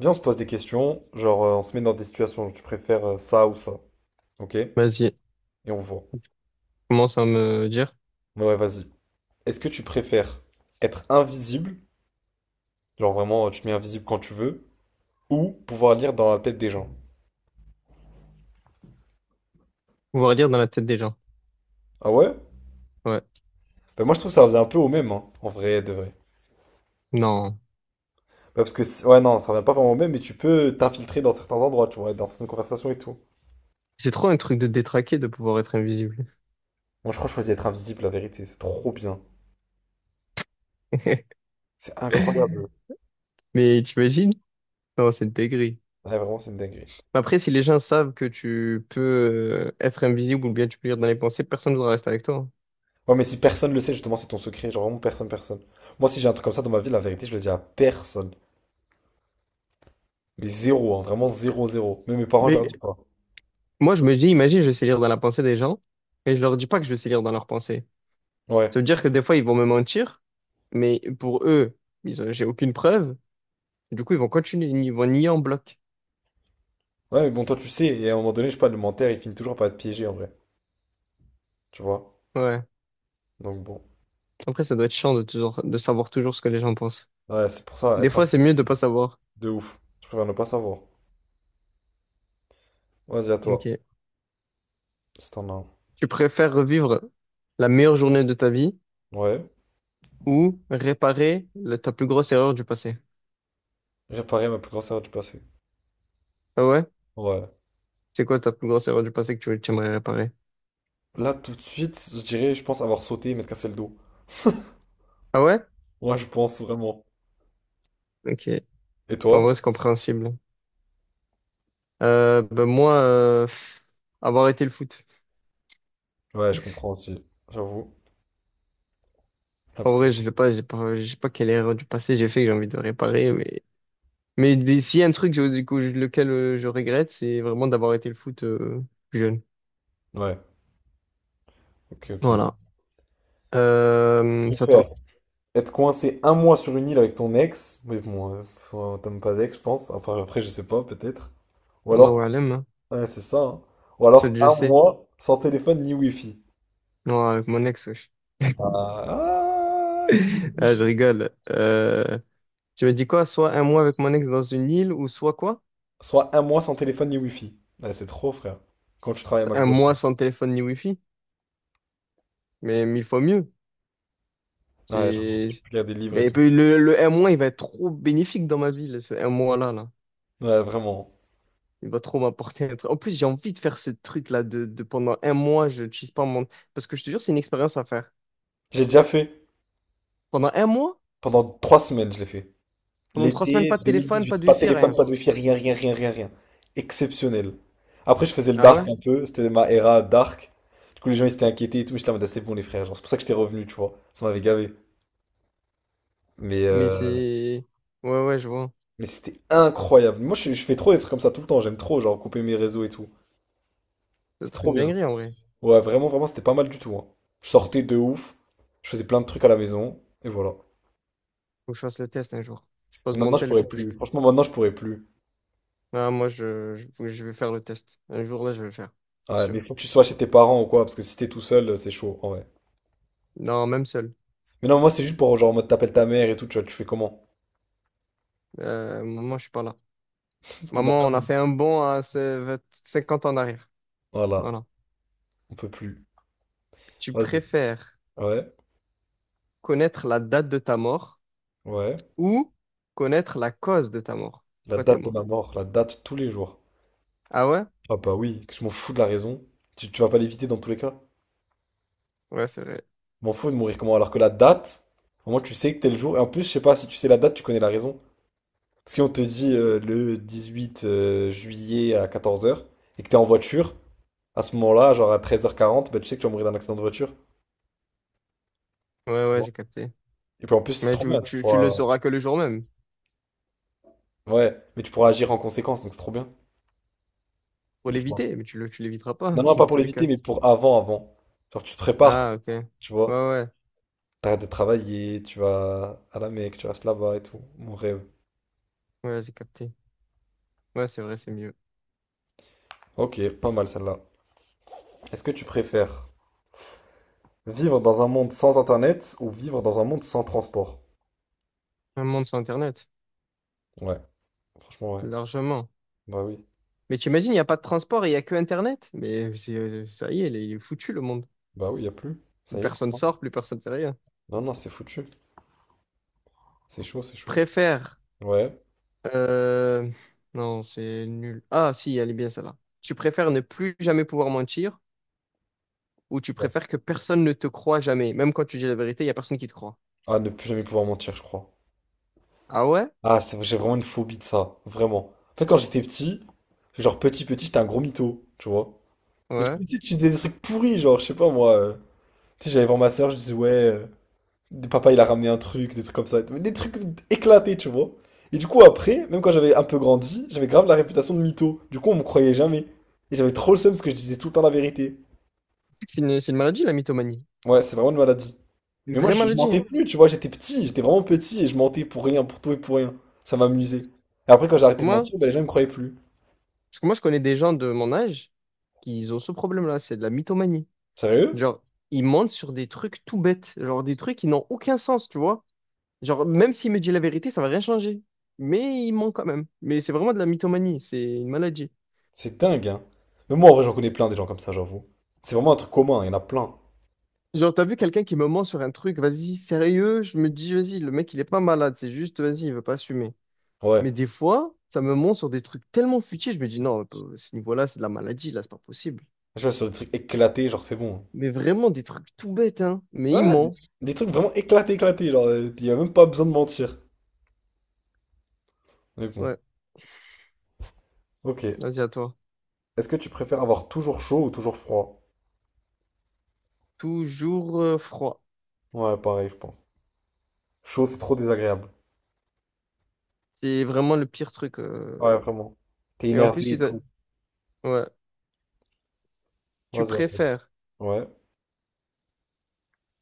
Viens, on se pose des questions, genre on se met dans des situations, où tu préfères ça ou ça, ok? Et Vas-y, on voit. commence à me dire. Mais ouais, vas-y. Est-ce que tu préfères être invisible, genre vraiment tu te mets invisible quand tu veux, ou pouvoir lire dans la tête des gens? Pouvoir lire dans la tête des gens. Ah ouais? Ouais. Bah moi je trouve que ça revient un peu au même, hein, en vrai, de vrai. Non. Bah, parce que, ouais, non, ça revient pas vraiment au même, mais tu peux t'infiltrer dans certains endroits, tu vois, dans certaines conversations et tout. C'est trop un truc de détraqué de pouvoir être invisible. Moi je crois que je choisis être invisible, la vérité, c'est trop bien. C'est incroyable. Mais t'imagines? Non, c'est une dinguerie. Ouais, vraiment, c'est une dinguerie. Mais après, si les gens savent que tu peux être invisible ou bien tu peux lire dans les pensées, personne ne voudra rester avec toi, hein. Ouais, mais si personne le sait, justement, c'est ton secret. Genre vraiment personne, personne. Moi, si j'ai un truc comme ça dans ma vie, la vérité, je le dis à personne. Mais zéro, hein, vraiment zéro, zéro. Mais mes parents, je leur Mais dis pas. moi, je me dis, imagine, je sais lire dans la pensée des gens et je leur dis pas que je sais lire dans leurs pensées. Ouais. Ça veut dire que des fois, ils vont me mentir, mais pour eux, j'ai aucune preuve. Du coup, ils vont continuer, ils vont nier en bloc. Ouais, mais bon, toi, tu sais. Et à un moment donné, je sais pas, le menteur, il finit toujours par être piégé, en vrai. Tu vois? Ouais. Donc bon. Après, ça doit être chiant de savoir toujours ce que les gens pensent. Ouais, c'est pour ça, Des être fois, c'est invisible, mieux c'est de pas savoir. de ouf. Je préfère ne pas savoir. Vas-y, à toi. Ok. Si t'en as Tu préfères revivre la meilleure journée de ta vie un. Ouais. ou réparer ta plus grosse erreur du passé? Réparer ma plus grosse erreur du passé. Ah ouais? Ouais. C'est quoi ta plus grosse erreur du passé que tu aimerais réparer? Là, tout de suite, je dirais, je pense avoir sauté et m'être cassé le dos. Ah ouais? Ouais, je pense vraiment. Ok. Et En toi? vrai, c'est compréhensible. Ben moi, avoir arrêté le foot. Ouais, je comprends aussi. J'avoue. Ah, En vrai, je sais pas, j'ai pas, je sais pas quelle erreur du passé j'ai fait que j'ai envie de réparer, mais s'il y a un truc du coup, lequel je regrette, c'est vraiment d'avoir arrêté le foot plus jeune. ouais. Ok, ok. Voilà. Je C'est à préfère toi. être coincé un mois sur une île avec ton ex, mais bon, t'aimes pas d'ex, je pense. Après, je sais pas, peut-être. Ou Allahu alors, alam. ouais, c'est ça, hein. Ou Celui alors que je un sais. mois sans téléphone ni wifi. Non, avec mon ex, wesh. Ah, ah, gougi, Ah, gougi. je rigole. Tu m'as dit quoi? Soit un mois avec mon ex dans une île, ou soit quoi? Soit un mois sans téléphone ni wifi. Ouais, c'est trop, frère. Quand tu travailles à Un McDo. mois sans téléphone ni wifi. Mais mille fois mieux. Ouais, genre, tu C'est. peux lire des livres et Mais tout. Le un mois, il va être trop bénéfique dans ma vie, là, ce un mois-là, là. Ouais, vraiment. Il va trop m'apporter un truc. En plus, j'ai envie de faire ce truc-là de pendant un mois, je ne pas mon. Parce que je te jure, c'est une expérience à faire. J'ai déjà fait. Pendant un mois, Pendant 3 semaines, je l'ai fait. pendant trois semaines, L'été pas de téléphone, pas 2018, de pas de wifi, téléphone, rien. pas de wifi, rien, rien, rien, rien, rien. Exceptionnel. Après, je faisais le Ah ouais? dark un peu, c'était ma era dark. Du coup, les gens ils s'étaient inquiétés et tout, mais j'étais en mode, ah, c'est bon, les frères, genre, c'est pour ça que j'étais revenu, tu vois. Ça m'avait gavé. Mais, Mais euh, c'est. Ouais, ouais, je vois. mais c'était incroyable. Moi, je fais trop des trucs comme ça tout le temps, j'aime trop, genre, couper mes réseaux et tout. Ça doit C'est être trop une bien. dinguerie en vrai. Ouais, vraiment, vraiment, c'était pas mal du tout, hein. Je sortais de ouf, je faisais plein de trucs à la maison, et voilà. Faut que je fasse le test un jour. Je pose Mais mon maintenant, je tel, je pourrais touche plus. plus. Franchement, maintenant, je pourrais plus. Ah, moi, faut que je vais faire le test. Un jour, là, je vais le faire. C'est Ouais, sûr. mais il faut que tu sois chez tes parents ou quoi, parce que si t'es tout seul, c'est chaud, en vrai. Non, même seul. Mais non, moi, c'est juste pour genre, en mode t'appelles ta mère et tout, tu vois, tu fais comment? Maman, je suis pas là. Pendant Maman, un on a mois. fait un bond à 20 50 ans en arrière. Voilà, Voilà. on peut plus. Tu Vas-y. préfères Ouais, connaître la date de ta mort ouais. ou connaître la cause de ta mort? La Pourquoi t'es date de mort? ma mort, la date tous les jours. Ah ouais? Ah bah oui, que je m'en fous de la raison. Tu vas pas l'éviter dans tous les cas. Ouais, c'est vrai. Je m'en fous de mourir comment? Alors que la date, au moins tu sais que t'es le jour. Et en plus, je sais pas, si tu sais la date, tu connais la raison. Si on te dit le 18 juillet à 14h et que t'es en voiture, à ce moment-là, genre à 13h40, bah, tu sais que tu vas mourir d'un accident de voiture. Ouais, Tu ouais, vois. j'ai capté. Et puis en plus, c'est Mais trop bien, tu, tu tu, tu le pourras... sauras que le jour même. Ouais, mais tu pourras agir en conséquence, donc c'est trop bien. Pour Je vois. l'éviter, mais tu l'éviteras Non, pas, non, pas dans pour tous les l'éviter, cas. mais pour avant, avant. Genre, tu te prépares, Ah, ok. Ouais, tu vois. ouais, T'arrêtes de travailler, tu vas à la Mecque, tu restes là-bas et tout. Mon rêve. ouais, j'ai capté. Ouais, c'est vrai, c'est mieux. Ok, pas mal celle-là. Est-ce que tu préfères vivre dans un monde sans internet ou vivre dans un monde sans transport? Un monde sans Internet, Ouais, franchement, ouais. largement. Bah oui. Mais t'imagines, il n'y a pas de transport et il n'y a que Internet. Ça y est, il est foutu le monde. Bah oui, y a plus. Plus Ça y est, je personne crois. sort, plus personne fait rien. Non, non, c'est foutu. C'est chaud, c'est Tu chaud. préfères. Ouais. euh, Non, c'est nul. Ah, si, elle est bien celle-là. Tu préfères ne plus jamais pouvoir mentir ou tu Ouais. préfères que personne ne te croit jamais. Même quand tu dis la vérité, il n'y a personne qui te croit. Ah, ne plus jamais pouvoir mentir, je crois. Ah ouais? Ah, j'ai vraiment une phobie de ça. Vraiment. En fait, quand j'étais petit, genre petit, petit, j'étais un gros mytho, tu vois. Et du coup, Ouais. tu sais, tu disais des trucs pourris, genre, je sais pas moi, tu sais, j'allais voir ma soeur, je disais, ouais, papa il a ramené un truc, des trucs comme ça. Mais des trucs éclatés, tu vois. Et du coup, après, même quand j'avais un peu grandi, j'avais grave la réputation de mytho. Du coup, on me croyait jamais. Et j'avais trop le seum parce que je disais tout le temps la vérité. C'est une maladie, la mythomanie. Ouais, c'est vraiment une maladie. Une Mais moi, vraie je maladie, mentais hein. plus, tu vois, j'étais petit, j'étais vraiment petit et je mentais pour rien, pour tout et pour rien. Ça m'amusait. Et après, quand j'ai Parce que arrêté de moi, mentir, ben, les gens me croyaient plus. Parce que moi, je connais des gens de mon âge qui ont ce problème-là, c'est de la mythomanie. Sérieux? Genre, ils mentent sur des trucs tout bêtes, genre des trucs qui n'ont aucun sens, tu vois. Genre, même s'il me dit la vérité, ça va rien changer. Mais il ment quand même. Mais c'est vraiment de la mythomanie, c'est une maladie. C'est dingue, hein. Mais moi, en vrai, j'en connais plein des gens comme ça, j'avoue. C'est vraiment un truc commun, il y en a plein. Genre, t'as vu quelqu'un qui me ment sur un truc, vas-y, sérieux, je me dis, vas-y, le mec, il est pas malade, c'est juste, vas-y, il veut pas assumer. Ouais. Mais des fois, ça me ment sur des trucs tellement futiles, je me dis, non, à ce niveau-là, c'est de la maladie, là, c'est pas possible. Je vois sur des trucs éclatés, genre c'est bon, Mais vraiment des trucs tout bêtes, hein. Mais hein. il Ouais, ouais, des, ment. des trucs vraiment éclatés, éclatés, genre y a même pas besoin de mentir. Mais bon, Ouais, ok. vas-y, à toi. Est-ce que tu préfères avoir toujours chaud ou toujours froid? Toujours froid. Ouais, pareil, je pense. Chaud, c'est trop désagréable. C'est vraiment le pire truc. Ouais, vraiment. T'es Et en plus, énervé et si t'as- tout. ouais. Tu Vas-y, attends. préfères. Ouais,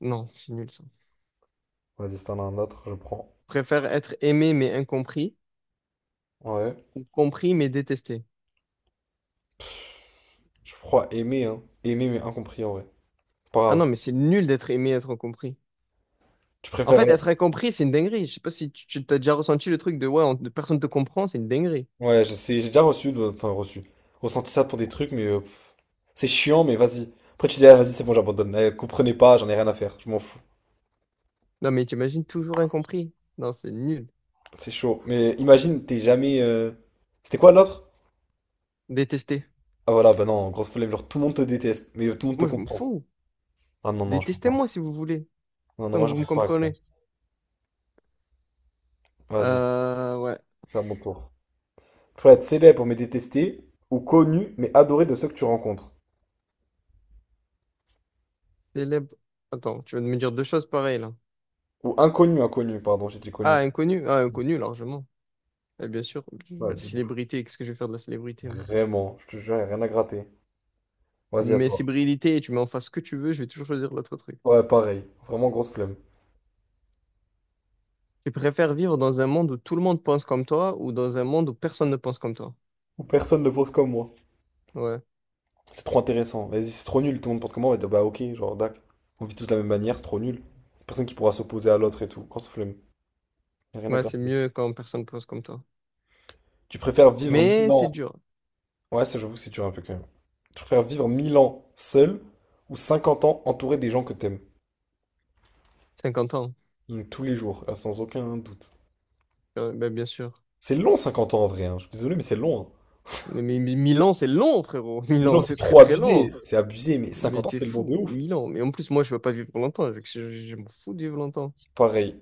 Non, c'est nul ça. Tu vas-y, si t'en as un autre, je prends. préfères être aimé mais incompris Ouais. ou compris mais détesté. Je crois aimer, hein. Aimer, mais incompris, en vrai. C'est pas Ah non, grave. mais c'est nul d'être aimé et être incompris. Tu En préfères... fait, être incompris, c'est une dinguerie. Je sais pas si t'as déjà ressenti le truc de ouais, personne te comprend, c'est une dinguerie. Ouais, je sais, j'ai déjà reçu, enfin, reçu. Ressenti ça pour des trucs, mais pff. C'est chiant, mais vas-y. Après, tu dis, ah, vas-y, c'est bon, j'abandonne. Eh, comprenez pas, j'en ai rien à faire. Je m'en fous. Non, mais t'imagines toujours incompris. Non, c'est nul. C'est chaud. Mais imagine, t'es jamais. C'était quoi l'autre? Détesté. Ah voilà, bah non, grosse flemme. Genre, tout le monde te déteste, mais tout le monde te Moi, je m'en comprend. fous. Ah non, non, je peux pas. Détestez-moi si vous voulez, Non, non, tant moi, que vous me j'arrive pas avec ça. comprenez. Vas-y, Ouais. c'est à mon tour. Faut être célèbre mais détesté, ou connu mais adoré de ceux que tu rencontres. Célèbre. Attends, tu vas me dire deux choses pareilles là. Ou inconnu, inconnu, pardon, j'ai dit connu. Ah, inconnu. Ah, inconnu, largement. Eh bien sûr, Ouais, de ouf. célébrité, qu'est-ce que je vais faire de la célébrité? Moi. Vraiment, je te jure, y a rien à gratter. Vas-y, à Mais toi. célébrité, tu mets en face ce que tu veux, je vais toujours choisir l'autre truc. Ouais, pareil. Vraiment grosse flemme. Tu préfères vivre dans un monde où tout le monde pense comme toi ou dans un monde où personne ne pense comme toi. Ou personne ne pense comme moi. Ouais, C'est trop intéressant. Vas-y, c'est trop nul. Tout le monde pense comme moi. Ouais, bah ok, genre, dac. On vit tous de la même manière, c'est trop nul. Personne qui pourra s'opposer à l'autre et tout. Grosse flemme. Y a rien à ouais, c'est gratter. mieux quand personne ne pense comme toi. Tu préfères vivre 1000 Mais c'est ans. dur. Ouais, ça, j'avoue, c'est dur un peu quand même. Tu préfères vivre 1000 ans seul ou 50 ans entouré des gens que t'aimes. 50 ans. Mm, tous les jours, sans aucun doute. Ben, bien sûr. C'est long 50 ans en vrai, hein. Je suis désolé, mais c'est long, hein. Mais 1000 ans, c'est long, frérot. Mille 1000 ans, ans, c'est c'est très trop très abusé. long. C'est abusé, mais Mais 50 ans, t'es c'est long de fou, ouf. 1000 ans. Mais en plus, moi, je veux pas vivre longtemps. Je m'en fous de vivre longtemps. Pareil.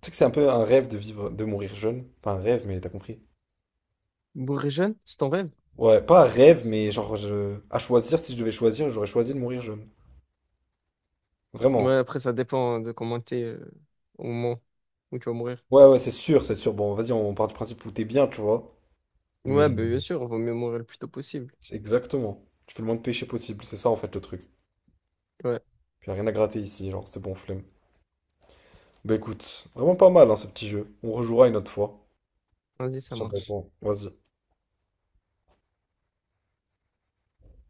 Tu sais que c'est un peu un rêve de vivre, de mourir jeune. Pas un rêve, mais t'as compris. Mourir jeune, c'est ton rêve? Ouais, pas un rêve, mais genre, à choisir, si je devais choisir, j'aurais choisi de mourir jeune. Ouais, Vraiment. après, ça dépend de comment t'es au moment où tu vas mourir. Ouais, ouais, c'est sûr, c'est sûr. Bon, vas-y, on part du principe où t'es bien, tu vois. Mais Ouais, bah, bien sûr, on vaut mieux mourir le plus tôt possible. c'est exactement. Tu fais le moins de péché possible, c'est ça en fait le truc. Ouais, Puis y a rien à gratter ici, genre, c'est bon, flemme. Bah écoute, vraiment pas mal hein, ce petit jeu. On rejouera une autre fois. vas-y, Je ça sais pas marche. quoi. Vas-y.